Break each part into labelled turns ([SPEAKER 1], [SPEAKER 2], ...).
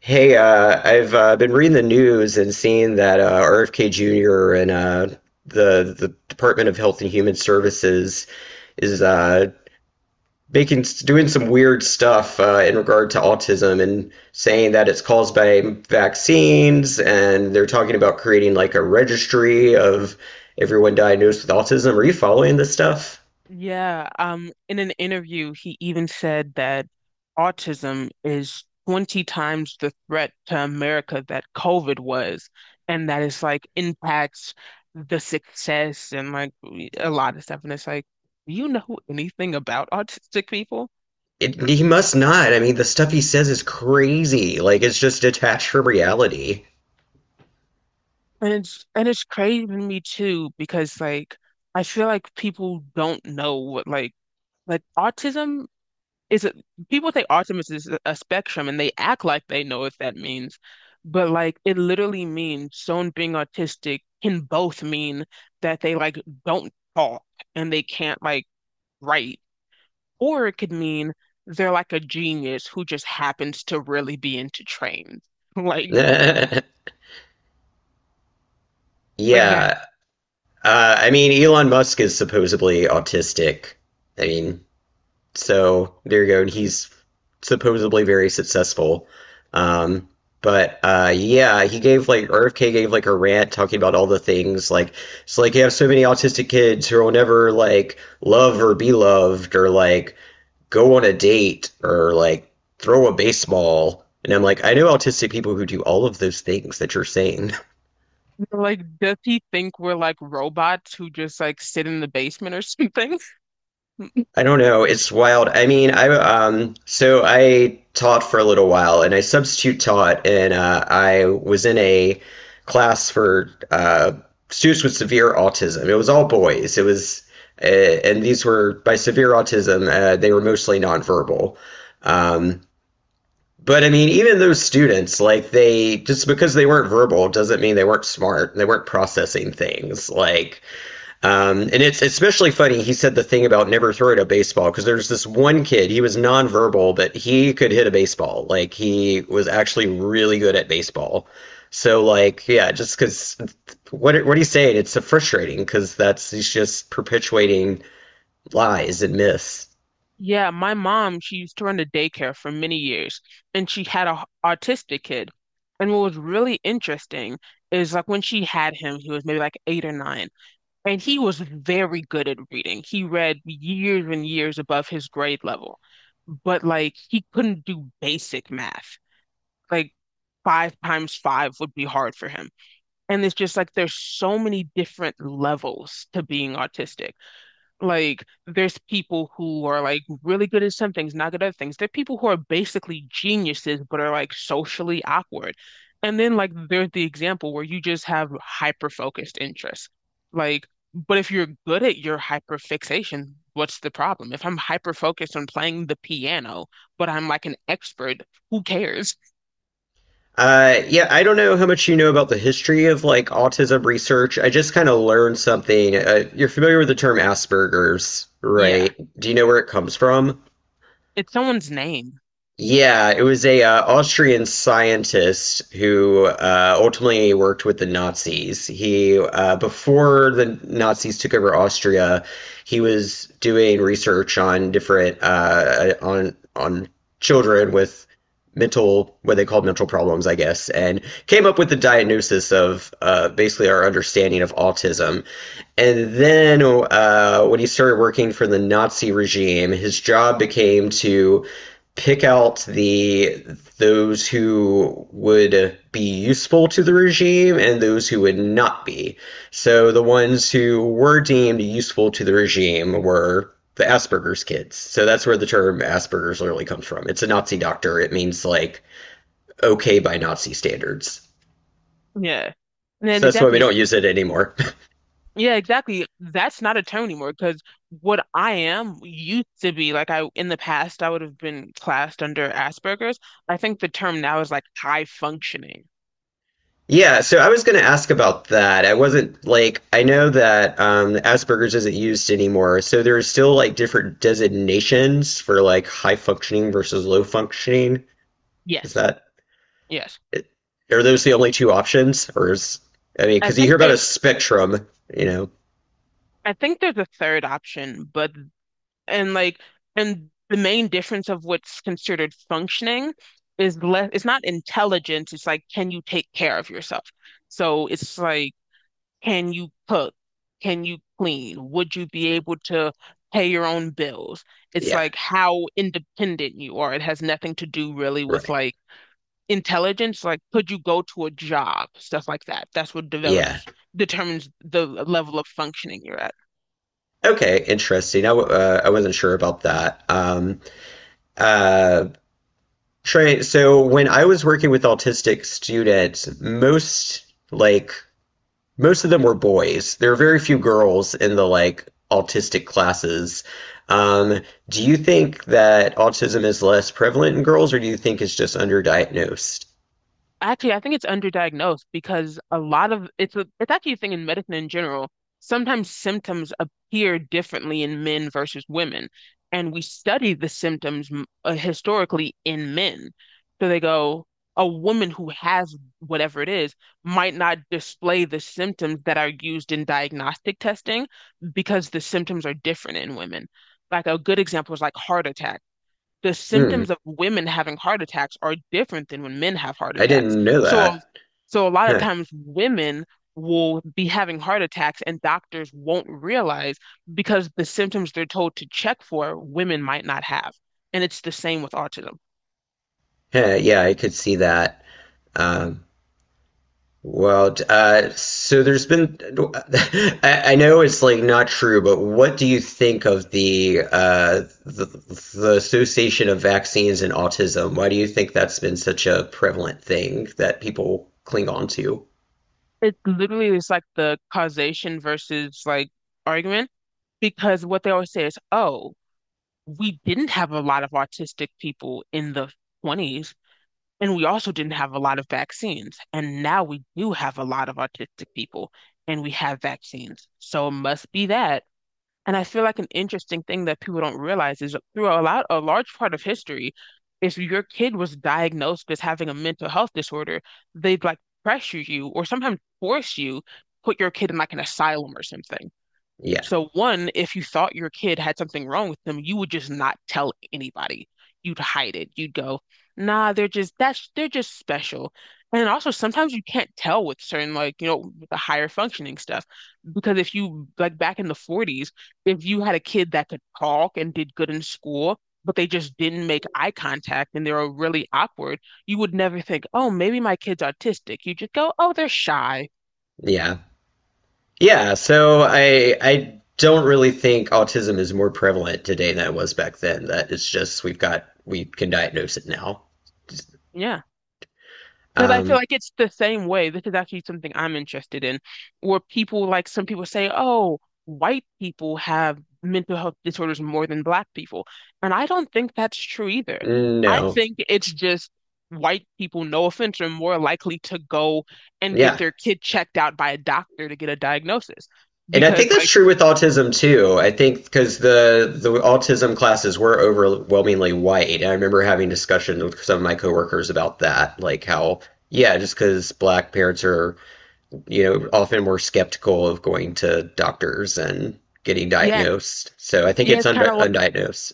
[SPEAKER 1] Hey, I've been reading the news and seeing that RFK Jr. and the Department of Health and Human Services is making doing some weird stuff in regard to autism and saying that it's caused by vaccines, and they're talking about creating like a registry of everyone diagnosed with autism. Are you following this stuff?
[SPEAKER 2] Yeah, in an interview, he even said that autism is 20 times the threat to America that COVID was, and that it's like impacts the success and like a lot of stuff. And it's like, do you know anything about autistic people?
[SPEAKER 1] He must not. I mean, the stuff he says is crazy. Like it's just detached from reality.
[SPEAKER 2] And it's crazy to me too, because like I feel like people don't know what like it's a, people think autism is a spectrum and they act like they know what that means. But like it literally means someone being autistic can both mean that they like don't talk and they can't like write, or it could mean they're like a genius who just happens to really be into trains. Like like that
[SPEAKER 1] Yeah. I mean, Elon Musk is supposedly autistic. I mean, so there you go. And he's supposedly very successful. Um, but Yeah, he gave like RFK gave like a rant talking about all the things like it's like you have so many autistic kids who will never like love or be loved or like go on a date or like throw a baseball. And I'm like, I know autistic people who do all of those things that you're saying.
[SPEAKER 2] like does he think we're like robots who just like sit in the basement or something?
[SPEAKER 1] I don't know. It's wild. I mean, I so I taught for a little while and I substitute taught and I was in a class for students with severe autism. It was all boys. It was and These were by severe autism, they were mostly nonverbal. Um, but I mean, even those students, like they just because they weren't verbal doesn't mean they weren't smart. They weren't processing things. And it's especially funny. He said the thing about never throwing a baseball because there's this one kid. He was nonverbal, but he could hit a baseball. Like he was actually really good at baseball. So like, yeah, just because what he's saying, it's so frustrating because that's he's just perpetuating lies and myths.
[SPEAKER 2] Yeah, my mom, she used to run a daycare for many years, and she had a autistic kid. And what was really interesting is like when she had him, he was maybe like 8 or 9, and he was very good at reading. He read years and years above his grade level, but like he couldn't do basic math. Like five times five would be hard for him. And it's just like there's so many different levels to being autistic. Like, there's people who are like really good at some things, not good at other things. There are people who are basically geniuses, but are like socially awkward. And then, like, there's the example where you just have hyper focused interests. Like, but if you're good at your hyper fixation, what's the problem? If I'm hyper focused on playing the piano, but I'm like an expert, who cares?
[SPEAKER 1] Yeah, I don't know how much you know about the history of like autism research. I just kind of learned something. You're familiar with the term Asperger's,
[SPEAKER 2] Yeah,
[SPEAKER 1] right? Do you know where it comes from?
[SPEAKER 2] it's someone's name.
[SPEAKER 1] Yeah, it was a Austrian scientist who ultimately worked with the Nazis. He Before the Nazis took over Austria, he was doing research on different on children with mental what they called mental problems, I guess, and came up with the diagnosis of basically our understanding of autism. And then when he started working for the Nazi regime, his job became to pick out the those who would be useful to the regime and those who would not be. So the ones who were deemed useful to the regime were the Asperger's kids. So that's where the term Asperger's literally comes from. It's a Nazi doctor. It means like okay by Nazi standards.
[SPEAKER 2] Yeah. And then
[SPEAKER 1] So that's why
[SPEAKER 2] exactly,
[SPEAKER 1] we
[SPEAKER 2] it's
[SPEAKER 1] don't use it anymore.
[SPEAKER 2] Yeah, exactly. That's not a term anymore because what I am used to be like, I, in the past, I would have been classed under Asperger's. I think the term now is like high functioning.
[SPEAKER 1] Yeah, so I was going to ask about that. I wasn't like I know that Asperger's isn't used anymore, so there's still like different designations for like high functioning versus low functioning. Is
[SPEAKER 2] Yes.
[SPEAKER 1] that
[SPEAKER 2] Yes.
[SPEAKER 1] are those the only two options, or is I mean,
[SPEAKER 2] I
[SPEAKER 1] because you
[SPEAKER 2] think
[SPEAKER 1] hear about a
[SPEAKER 2] there's
[SPEAKER 1] spectrum, you know?
[SPEAKER 2] I think there's a third option, but and like and the main difference of what's considered functioning is less, it's not intelligence, it's like, can you take care of yourself? So it's like, can you cook? Can you clean? Would you be able to pay your own bills? It's
[SPEAKER 1] Yeah,
[SPEAKER 2] like how independent you are. It has nothing to do really with
[SPEAKER 1] right.
[SPEAKER 2] like intelligence. Like, could you go to a job? Stuff like that. That's what
[SPEAKER 1] Yeah.
[SPEAKER 2] develops, determines the level of functioning you're at.
[SPEAKER 1] Okay, interesting. I wasn't sure about that. Uh, Trey, so when I was working with autistic students, like most of them were boys. There are very few girls in the like autistic classes. Um, do you think that autism is less prevalent in girls, or do you think it's just underdiagnosed?
[SPEAKER 2] Actually, I think it's underdiagnosed because a lot of it's actually a thing in medicine in general. Sometimes symptoms appear differently in men versus women, and we study the symptoms historically in men. So they go, a woman who has whatever it is might not display the symptoms that are used in diagnostic testing because the symptoms are different in women. Like a good example is like heart attack, the
[SPEAKER 1] Hmm,
[SPEAKER 2] symptoms of women having heart attacks are different than when men have heart
[SPEAKER 1] I
[SPEAKER 2] attacks.
[SPEAKER 1] didn't know
[SPEAKER 2] So,
[SPEAKER 1] that.
[SPEAKER 2] a lot of
[SPEAKER 1] Huh.
[SPEAKER 2] times women will be having heart attacks and doctors won't realize because the symptoms they're told to check for, women might not have. And it's the same with autism.
[SPEAKER 1] Huh, yeah, I could see that. Um, Well, so there's been, I know it's like not true, but what do you think of the association of vaccines and autism? Why do you think that's been such a prevalent thing that people cling on to?
[SPEAKER 2] It literally is like the causation versus like argument, because what they always say is, oh, we didn't have a lot of autistic people in the 20s. And we also didn't have a lot of vaccines. And now we do have a lot of autistic people and we have vaccines. So it must be that. And I feel like an interesting thing that people don't realize is through a large part of history, if your kid was diagnosed as having a mental health disorder, they'd like pressure you or sometimes force you put your kid in like an asylum or something.
[SPEAKER 1] Yeah,
[SPEAKER 2] So one, if you thought your kid had something wrong with them, you would just not tell anybody. You'd hide it. You'd go, nah, they're just that's they're just special. And also sometimes you can't tell with certain, like, you know, the higher functioning stuff. Because if you like back in the 40s, if you had a kid that could talk and did good in school, but they just didn't make eye contact and they were really awkward, you would never think, oh, maybe my kid's autistic. You just go, oh, they're shy.
[SPEAKER 1] yeah, yeah. So I don't really think autism is more prevalent today than it was back then. That it's just we can diagnose it now.
[SPEAKER 2] Yeah. Because I feel
[SPEAKER 1] Um,
[SPEAKER 2] like it's the same way. This is actually something I'm interested in, where people like some people say, oh, white people have mental health disorders more than black people. And I don't think that's true either. I
[SPEAKER 1] no,
[SPEAKER 2] think it's just white people, no offense, are more likely to go and get
[SPEAKER 1] yeah.
[SPEAKER 2] their kid checked out by a doctor to get a diagnosis.
[SPEAKER 1] And I think
[SPEAKER 2] Because,
[SPEAKER 1] that's
[SPEAKER 2] like,
[SPEAKER 1] true with autism too. I think because the autism classes were overwhelmingly white. And I remember having discussions with some of my coworkers about that, like how yeah, just because black parents are you know often more skeptical of going to doctors and getting
[SPEAKER 2] yeah,
[SPEAKER 1] diagnosed. So I think
[SPEAKER 2] yeah,
[SPEAKER 1] it's under undiagnosed,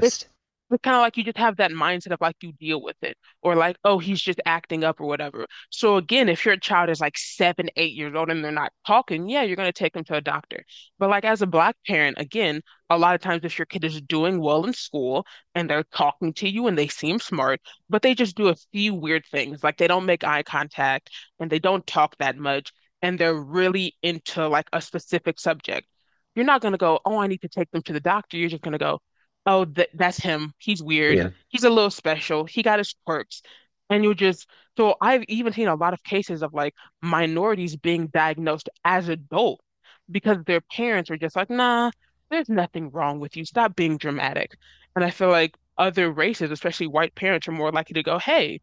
[SPEAKER 2] like, It's kind of like, you just have that mindset of like you deal with it, or like, oh, he's just acting up or whatever. So again, if your child is like 7, 8 years old and they're not talking, yeah, you're gonna take them to a doctor. But like as a black parent, again, a lot of times if your kid is doing well in school and they're talking to you and they seem smart, but they just do a few weird things, like they don't make eye contact and they don't talk that much, and they're really into like a specific subject. You're not gonna go, oh, I need to take them to the doctor. You're just gonna go, oh, th that's him. He's weird.
[SPEAKER 1] Yeah.
[SPEAKER 2] He's a little special. He got his quirks. And you just, so I've even seen a lot of cases of like minorities being diagnosed as adults because their parents were just like, nah, there's nothing wrong with you. Stop being dramatic. And I feel like other races, especially white parents, are more likely to go, hey,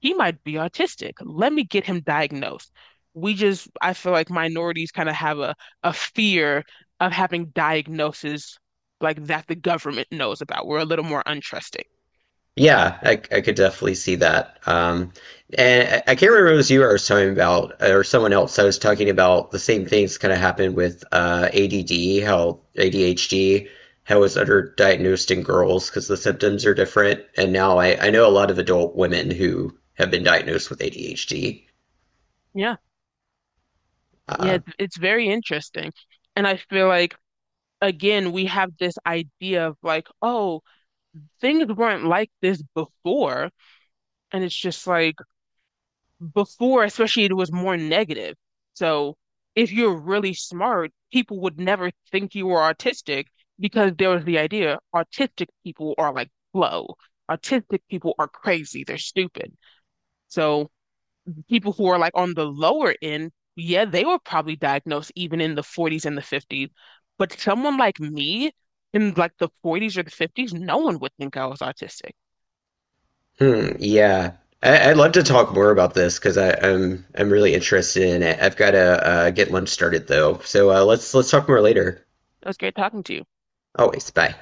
[SPEAKER 2] he might be autistic. Let me get him diagnosed. We just, I feel like minorities kind of have a fear of having diagnoses like that the government knows about. We're a little more untrusting.
[SPEAKER 1] Yeah, I could definitely see that. And I can't remember if it was you I was talking about, or someone else. I was talking about the same things kind of happened with uh, ADD, how ADHD, how it was underdiagnosed in girls because the symptoms are different. And now I know a lot of adult women who have been diagnosed with ADHD.
[SPEAKER 2] Yeah. Yeah.
[SPEAKER 1] Uh,
[SPEAKER 2] It's very interesting. And I feel like, again, we have this idea of like, oh, things weren't like this before. And it's just like, before, especially, it was more negative. So if you're really smart, people would never think you were autistic because there was the idea autistic people are like slow. Autistic people are crazy. They're stupid. So people who are like on the lower end, yeah, they were probably diagnosed even in the 40s and the 50s. But someone like me in like the 40s or the 50s, no one would think I was autistic.
[SPEAKER 1] hmm, yeah. I'd love to talk more about this because I'm really interested in it. I've got to get lunch started though, so let's talk more later.
[SPEAKER 2] It was great talking to you.
[SPEAKER 1] Always, bye.